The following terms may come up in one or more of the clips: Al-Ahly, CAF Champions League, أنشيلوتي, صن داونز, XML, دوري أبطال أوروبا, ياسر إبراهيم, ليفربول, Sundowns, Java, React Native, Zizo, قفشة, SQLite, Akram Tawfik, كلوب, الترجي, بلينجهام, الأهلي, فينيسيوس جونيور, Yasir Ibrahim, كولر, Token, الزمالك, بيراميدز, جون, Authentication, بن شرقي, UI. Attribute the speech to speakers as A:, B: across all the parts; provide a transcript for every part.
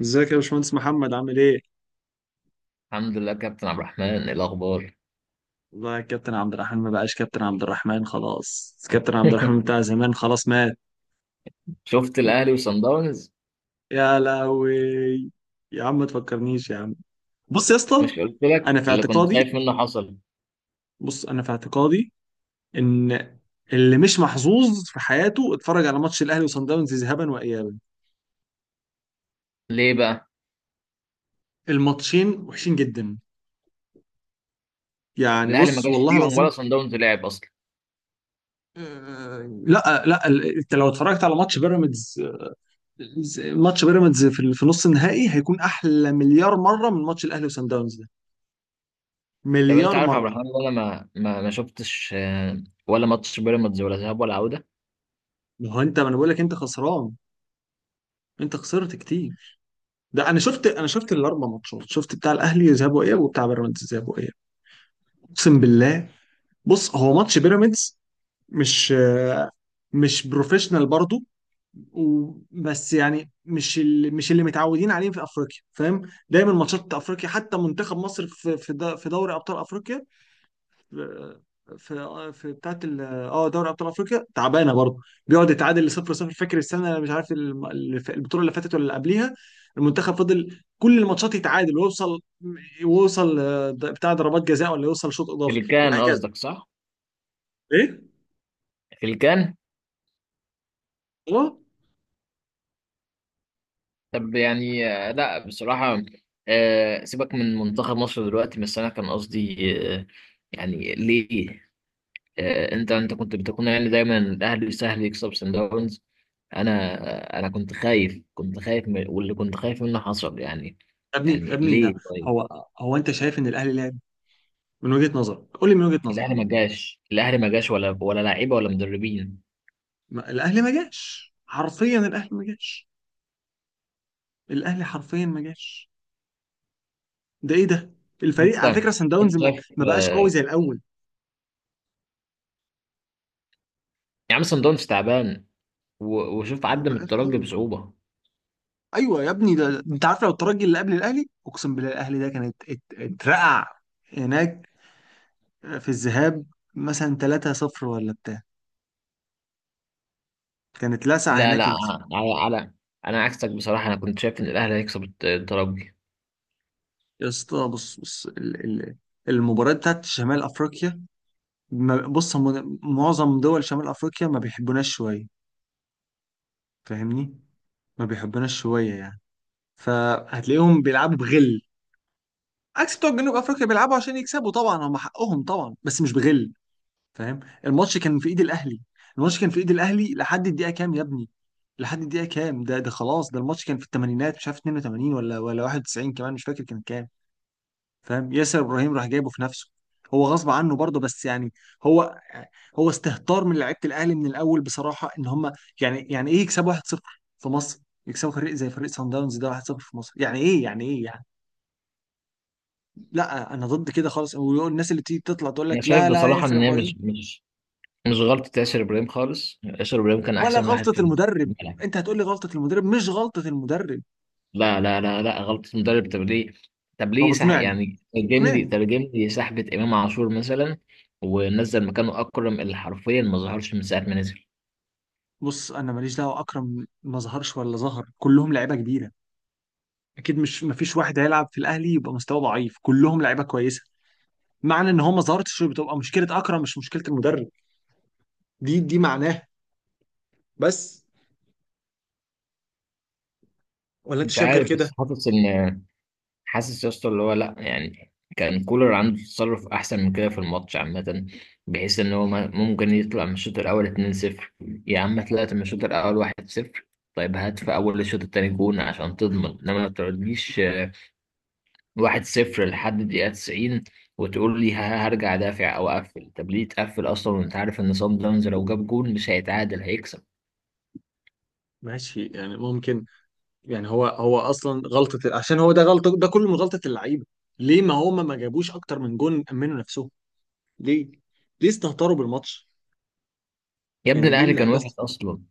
A: ازيك يا باشمهندس محمد عامل ايه؟
B: الحمد لله، كابتن عبد الرحمن. إيه الاخبار؟
A: والله يا كابتن عبد الرحمن ما بقاش كابتن عبد الرحمن، خلاص كابتن عبد الرحمن بتاع زمان خلاص مات.
B: شفت الاهلي وصن داونز؟
A: يا لهوي. يا عم ما تفكرنيش يا عم. بص يا اسطى،
B: مش قلت
A: انا
B: لك
A: في
B: اللي كنت
A: اعتقادي،
B: خايف منه حصل؟
A: بص انا في اعتقادي ان اللي مش محظوظ في حياته اتفرج على ماتش الاهلي وصن داونز ذهابا وايابا.
B: ليه بقى؟
A: الماتشين وحشين جدا. يعني
B: الاهلي ما
A: بص
B: جاش
A: والله
B: فيهم ولا
A: العظيم.
B: صن داونز لعب اصلا.
A: لا لا، انت لو اتفرجت على ماتش بيراميدز، ماتش بيراميدز في نص النهائي هيكون احلى مليار مره من ماتش الاهلي وسان داونز ده.
B: طب انت
A: مليار
B: عارف يا عبد
A: مره.
B: الرحمن إن انا ما شفتش ولا ماتش بيراميدز ولا ذهاب ولا عوده.
A: ما هو انت، ما انا بقول لك انت خسران. انت خسرت كتير. ده انا شفت الاربع ماتشات، شفت بتاع الاهلي ذهاب واياب وبتاع بيراميدز ذهاب واياب. اقسم بالله. بص، هو ماتش بيراميدز مش آه، مش بروفيشنال برضه، بس يعني مش اللي متعودين عليه في افريقيا، فاهم؟ دايما ماتشات افريقيا، حتى منتخب مصر في دوري ابطال افريقيا، في في بتاعت ال- اه دوري ابطال افريقيا تعبانه برضه. بيقعد يتعادل لصفر صفر. فاكر السنه مش عارف، البطوله اللي فاتت ولا اللي قبليها. المنتخب فضل كل الماتشات يتعادل ويوصل بتاع ضربات جزاء، ولا يوصل شوط
B: في
A: اضافي
B: الكان
A: وهكذا.
B: قصدك، صح؟
A: ايه.
B: في الكان.
A: اه.
B: طب يعني، لا بصراحه. سيبك من منتخب مصر دلوقتي، بس انا كان قصدي يعني ليه؟ انت كنت بتكون يعني دايما الاهلي سهل يكسب سان داونز. انا... انا كنت خايف، كنت خايف من واللي كنت خايف منه حصل يعني.
A: يا ابني يا
B: يعني
A: ابني، ده
B: ليه طيب؟
A: هو انت شايف ان الاهلي لعب؟ من وجهه نظرك قول لي، من وجهه نظرك.
B: الاهلي ما جاش، الاهلي ما جاش، ولا لعيبه ولا مدربين.
A: الاهلي ما جاش، حرفيا الاهلي ما جاش، الاهلي حرفيا ما جاش. ده ايه ده. الفريق
B: انت
A: على فكره، سان داونز
B: انت
A: ما
B: شايف
A: ما بقاش قوي زي الاول.
B: يا عم، سان داونز تعبان. وشوف
A: ما
B: عدى من
A: بقاش
B: الترجي
A: قوي.
B: بصعوبه.
A: ايوه يا ابني، ده انت عارف لو الترجي اللي قبل الاهلي، اقسم بالله الاهلي ده كانت اترقع هناك في الذهاب مثلا 3-0 ولا بتاع. كانت لسع
B: لا،
A: هناك
B: لا. على على انا عكسك بصراحه. انا كنت شايف ان الاهلي هيكسب الترجي.
A: يا اسطى بص بص، ال ال المباريات بتاعت شمال افريقيا، بص، هم معظم دول شمال افريقيا ما بيحبوناش شويه، فاهمني؟ ما بيحبوناش شويه يعني، فهتلاقيهم بيلعبوا بغل، عكس بتوع جنوب افريقيا بيلعبوا عشان يكسبوا. طبعا هم حقهم طبعا، بس مش بغل. فاهم؟ الماتش كان في ايد الاهلي. الماتش كان في ايد الاهلي لحد الدقيقه كام يا ابني؟ لحد الدقيقه كام. ده خلاص، ده الماتش كان في الثمانينات، مش عارف 82 ولا 91، كمان مش فاكر كان كام. فاهم. ياسر ابراهيم راح جايبه في نفسه، هو غصب عنه برضه، بس يعني هو، هو استهتار من لعيبه الاهلي من الاول بصراحه، ان هم يعني ايه يكسبوا 1-0 في مصر، يكسبوا فريق زي فريق سان داونز ده 1-0 في مصر، يعني ايه يعني ايه يعني. لا انا ضد كده خالص، والناس اللي تيجي تطلع تقول
B: انا
A: لك
B: شايف
A: لا لا
B: بصراحه
A: ياسر
B: ان هي
A: ابراهيم،
B: مش غلطه ياسر ابراهيم خالص. ياسر ابراهيم كان
A: ولا
B: احسن واحد
A: غلطة
B: في
A: المدرب.
B: الملعب.
A: انت هتقول لي غلطة المدرب؟ مش غلطة المدرب.
B: لا، لا، لا، لا غلطة مدرب. طب ليه؟ طب
A: طب
B: ليه
A: اقنعني،
B: يعني، ترجم لي
A: اقنعني.
B: ترجم لي سحبة إمام عاشور مثلا، ونزل مكانه أكرم اللي حرفيا ما ظهرش من ساعة ما نزل.
A: بص انا ماليش دعوة، اكرم ما ظهرش ولا ظهر، كلهم لعيبة كبيرة، اكيد. مش، مفيش واحد هيلعب في الاهلي يبقى مستواه ضعيف، كلهم لعيبة كويسة. معنى ان هو ما ظهرتش بتبقى مشكلة اكرم، مش مشكلة المدرب. دي معناها. بس. ولا انت
B: مش
A: شايف غير
B: عارف،
A: كده؟
B: بس حاسس يا اسطى، اللي هو لا يعني، كان كولر عنده تصرف أحسن من كده في الماتش عامة، بحيث إن هو ممكن يطلع من الشوط الأول 2-0. يا عم، طلعت من الشوط الأول 1-0. طيب هات في أول الشوط التاني جون عشان تضمن إنما ما تقعدليش واحد صفر لحد الدقيقة 90، وتقول لي هرجع دافع أو أقفل. طب ليه تقفل أصلا وأنت عارف إن صن داونز لو جاب جول مش هيتعادل، هيكسب؟
A: ماشي يعني ممكن. يعني هو اصلا غلطة، عشان هو ده غلطة، ده كله من غلطة اللعيبة. ليه ما هما ما جابوش اكتر من جون، امنوا نفسهم؟ ليه؟ ليه استهتروا بالماتش؟
B: يا ابني،
A: يعني ليه
B: الأهلي كان
A: اللعيبه
B: وحش أصلا.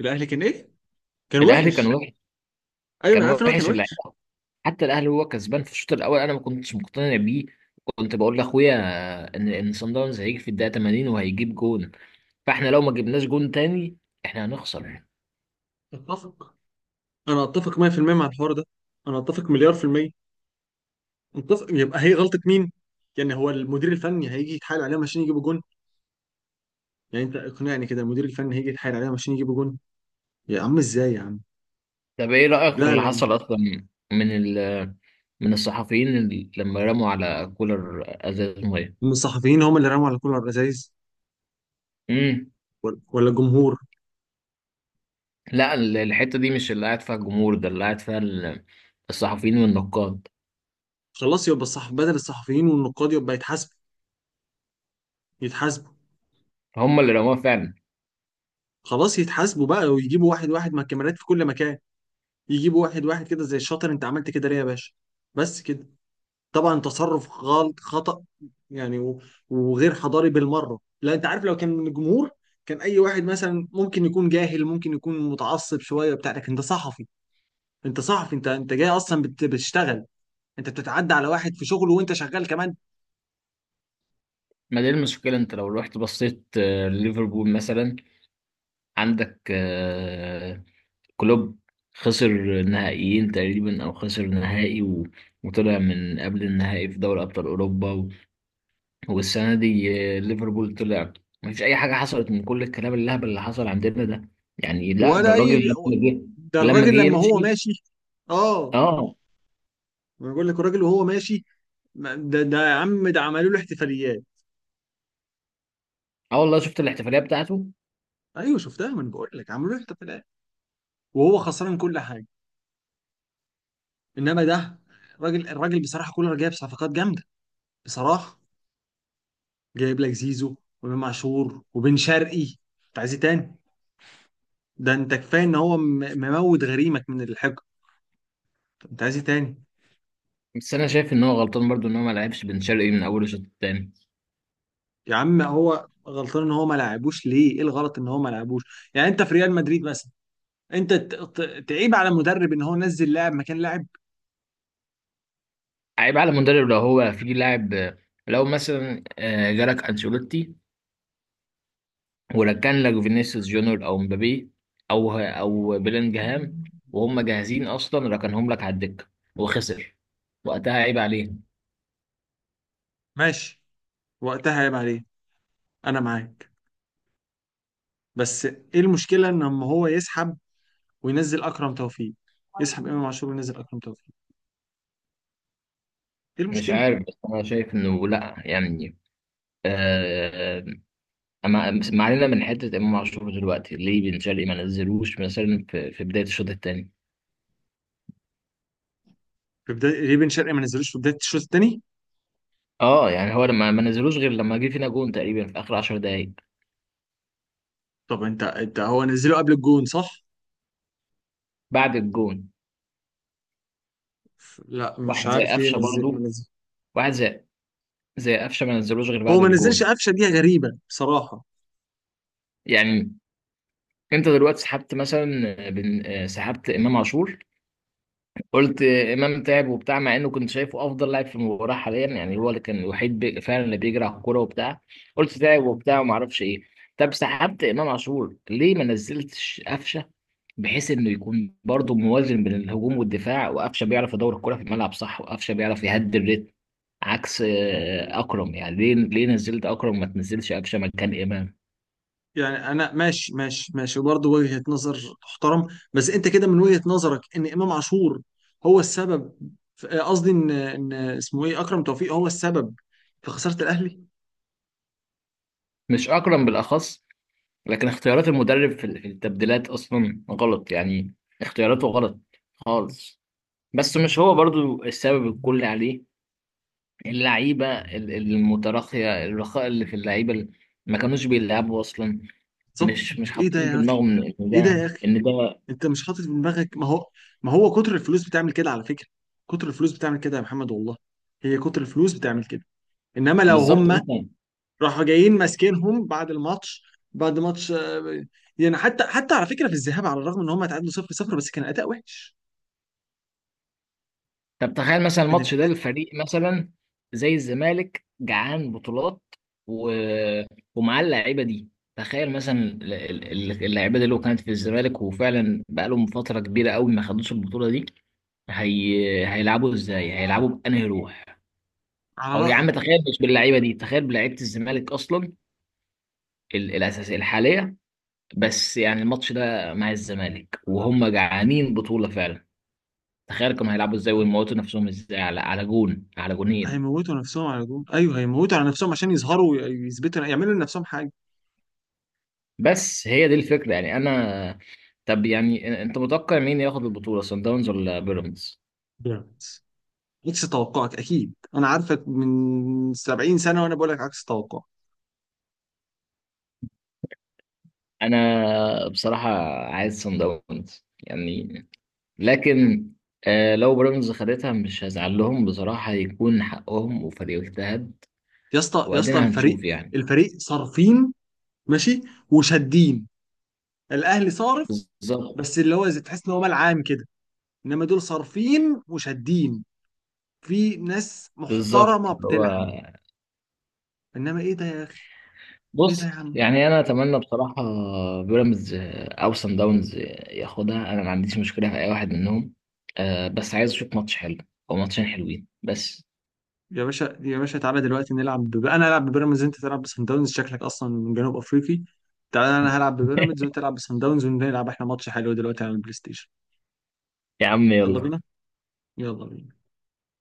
A: الاهلي كان ايه؟ كان
B: الأهلي كان
A: وحش.
B: وحش.
A: ايوه
B: كان
A: انا عارف ان هو كان
B: وحش
A: وحش.
B: اللعيبة. حتى الأهلي هو كسبان في الشوط الأول، أنا ما كنتش مقتنع بيه. كنت بقول لأخويا إن صن داونز هيجي في الدقيقة 80 وهيجيب جون. فإحنا لو ما جبناش جون تاني، إحنا هنخسر.
A: اتفق. انا اتفق 100% مع الحوار ده. انا اتفق مليار في المية. اتفق. يبقى هي غلطة مين؟ يعني هو المدير الفني هيجي يتحايل عليهم عشان يجيبوا جون؟ يعني انت اقنعني كده، المدير الفني هيجي يتحايل عليهم عشان يجيبوا جون؟ يا عم ازاي يا عم؟
B: طب إيه رأيك في
A: لا
B: اللي
A: لا.
B: حصل أصلا؟ من ال من الصحفيين اللي لما رموا على كولر ازاز ميه؟
A: من الصحفيين، هم اللي رموا على كل الرذاذ،
B: امم.
A: ولا الجمهور.
B: لا، الحته دي مش اللي قاعد فيها الجمهور، ده اللي قاعد فيها الصحفيين والنقاد.
A: خلاص يبقى الصح، بدل الصحفيين والنقاد يبقى يتحاسبوا، يتحاسبوا.
B: هم اللي رموها فعلا.
A: خلاص يتحاسبوا بقى، ويجيبوا واحد واحد مع الكاميرات في كل مكان، يجيبوا واحد واحد كده زي الشاطر، انت عملت كده ليه يا باشا؟ بس كده. طبعا تصرف غلط، خطأ يعني، وغير حضاري بالمرة. لا انت عارف، لو كان من الجمهور، كان اي واحد مثلا ممكن يكون جاهل، ممكن يكون متعصب شوية بتاع، لكن انت صحفي. انت صحفي، انت جاي اصلا بتشتغل، انت بتتعدى على واحد في شغله وانت شغال كمان.
B: ما دي المشكله، انت لو رحت بصيت ليفربول مثلا، عندك كلوب. خسر نهائيين تقريبا او خسر نهائي، وطلع من قبل النهائي في دوري ابطال اوروبا، والسنه دي ليفربول طلع. ما فيش اي حاجه حصلت من كل الكلام اللهبل اللي حصل عندنا ده. يعني لا، ده
A: ولا
B: الراجل
A: اي.
B: لما جه
A: ده
B: لما جه
A: الراجل لما هو
B: يمشي.
A: ماشي. اه.
B: اه.
A: ما بقول لك الراجل وهو ماشي. ده يا عم، ده عملوا له احتفاليات.
B: اه والله، شفت الاحتفاليه بتاعته.
A: ايوه شفتها، ما انا بقول لك عملوا له احتفاليات، وهو خسران كل حاجه. انما ده الراجل بصراحه، كولر، جايب صفقات جامده بصراحه، جايب لك زيزو وامام عاشور وبن شرقي، انت عايز ايه تاني؟ ده انت كفايه ان هو مموت غريمك من الحقد، انت عايز ايه تاني؟
B: بس انا شايف ان هو غلطان برضو ان هو ما لعبش بن شرقي من اول الشوط التاني.
A: يا عم هو غلطان ان هو ما لعبوش ليه؟ ايه الغلط ان هو ما لعبوش؟ يعني انت في ريال مدريد مثلا، انت تعيب على المدرب ان هو نزل لاعب مكان لاعب؟
B: عيب على المدرب لو هو في لاعب. لو مثلا جالك انشيلوتي وركن لك فينيسيوس جونيور او مبابي، او بلينجهام، وهم جاهزين اصلا ركنهم لك على الدكه وخسر، وقتها عيب عليه.
A: ماشي، وقتها عيب عليه، انا معاك. بس ايه المشكله ان لما هو يسحب وينزل اكرم توفيق، يسحب امام عاشور وينزل اكرم توفيق، ايه
B: مش
A: المشكله؟
B: عارف، بس انا شايف انه لا يعني، آه ما علينا من حته امام عاشور دلوقتي. ليه بن شرقي ما نزلوش مثلا في بدايه الشوط الثاني؟
A: في بدايه، ريبن شرقي ما نزلوش في بدايه الشوط الثاني.
B: اه يعني هو لما ما نزلوش غير لما جه فينا جون تقريبا في اخر 10 دقايق
A: طب انت هو نزله قبل الجون، صح.
B: بعد الجون.
A: لا مش
B: واحد زي
A: عارف ليه
B: قفشه
A: نزل ما
B: برضه.
A: نزل.
B: واحد زي، زي قفشه، ما نزلوش غير
A: هو
B: بعد
A: ما نزلش
B: الجون.
A: قفشه، دي غريبه بصراحه.
B: يعني، انت دلوقتي سحبت مثلا بن... آه، سحبت امام عاشور. قلت امام تعب وبتاع، مع انه كنت شايفه افضل لاعب في المباراه حاليا يعني. هو اللي كان الوحيد فعلا اللي بيجري على الكوره وبتاع. قلت تعب وبتاع وما اعرفش ايه. طب سحبت امام عاشور، ليه ما نزلتش قفشه بحيث انه يكون برضه موازن بين الهجوم والدفاع؟ وقفشه بيعرف يدور الكوره في الملعب صح، وقفشه بيعرف يهدي الريتم، عكس اكرم. يعني ليه نزلت اكرم، ما تنزلش قفشه مكان امام؟
A: يعني انا ماشي ماشي ماشي برضه، وجهه نظر تحترم. بس انت كده من وجهه نظرك ان امام عاشور هو السبب قصدي ان اسمه ايه، اكرم توفيق، هو السبب في خساره الاهلي.
B: مش اكرم بالاخص، لكن اختيارات المدرب في التبديلات اصلا غلط يعني. اختياراته غلط خالص. بس مش هو برضو السبب الكلي عليه. اللعيبه المتراخيه، الرخاء اللي في اللعيبه اللي ما كانوش بيلعبوا اصلا.
A: بالظبط.
B: مش
A: ايه ده
B: حاطين في
A: يا اخي،
B: دماغهم ان إن
A: ايه ده
B: ده
A: يا اخي.
B: ان ده.
A: انت مش حاطط في دماغك، ما هو كتر الفلوس بتعمل كده على فكره. كتر الفلوس بتعمل كده يا محمد والله، هي كتر الفلوس بتعمل كده. انما لو
B: بالظبط،
A: هم
B: انت.
A: راحوا جايين ماسكينهم بعد الماتش، بعد ماتش يعني حتى على فكره في الذهاب، على الرغم ان هم اتعادلوا 0-0 بس كان اداء وحش،
B: طب تخيل مثلا
A: كان
B: الماتش ده،
A: الاداء.
B: الفريق مثلا زي الزمالك جعان بطولات، و... ومعاه اللعيبه دي. تخيل مثلا اللعيبه دي لو كانت في الزمالك، وفعلا بقالهم فتره كبيره قوي ما خدوش البطوله دي، هيلعبوا ازاي؟ هيلعبوا بأنهي روح؟
A: على
B: او يا
A: رايك.
B: عم تخيل، مش باللعيبه دي، تخيل بلعيبه الزمالك اصلا الاساسيه الحاليه، بس يعني الماتش ده مع الزمالك وهم جعانين بطوله فعلا. تخيل كانوا هيلعبوا ازاي ويموتوا نفسهم ازاي على جون، على جونين.
A: هيموتوا نفسهم على جول، ايوه هيموتوا على نفسهم عشان يظهروا ويثبتوا، يعملوا لنفسهم حاجه.
B: بس هي دي الفكرة يعني. أنا، طب يعني أنت متوقع مين ياخد البطولة، صن داونز ولا بيراميدز؟
A: بيراميدز. عكس توقعك اكيد، انا عارفك من 70 سنه وانا بقول لك عكس توقعك.
B: أنا بصراحة عايز صن داونز يعني، لكن لو بيراميدز خدتها، مش هزعل لهم بصراحة. هيكون حقهم وفريق اجتهد،
A: يا اسطى يا اسطى،
B: وأدينا
A: الفريق،
B: هنشوف يعني.
A: الفريق صارفين، ماشي، وشادين. الاهلي صارف
B: بالظبط.
A: بس اللي هو زي تحس ان هو ملعان كده، انما دول صارفين وشادين، في ناس
B: بالظبط
A: محترمه
B: هو.
A: بتلعب. انما ايه ده يا اخي، ايه ده يا
B: بص
A: عم.
B: يعني انا اتمنى بصراحه بيراميدز او سان داونز ياخدها. انا ما عنديش مشكله في اي واحد منهم. أه بس عايز اشوف ماتش حلو او ماتشين حلوين بس.
A: يا باشا يا باشا، تعالى دلوقتي نلعب انا العب ببيراميدز انت تلعب بسان داونز، شكلك اصلا من جنوب افريقي. تعالى انا هلعب ببيراميدز وانت تلعب بسان داونز، ونلعب احنا ماتش حلو دلوقتي على البلاي ستيشن.
B: يا عم
A: يلا
B: يلا.
A: بينا، يلا بينا.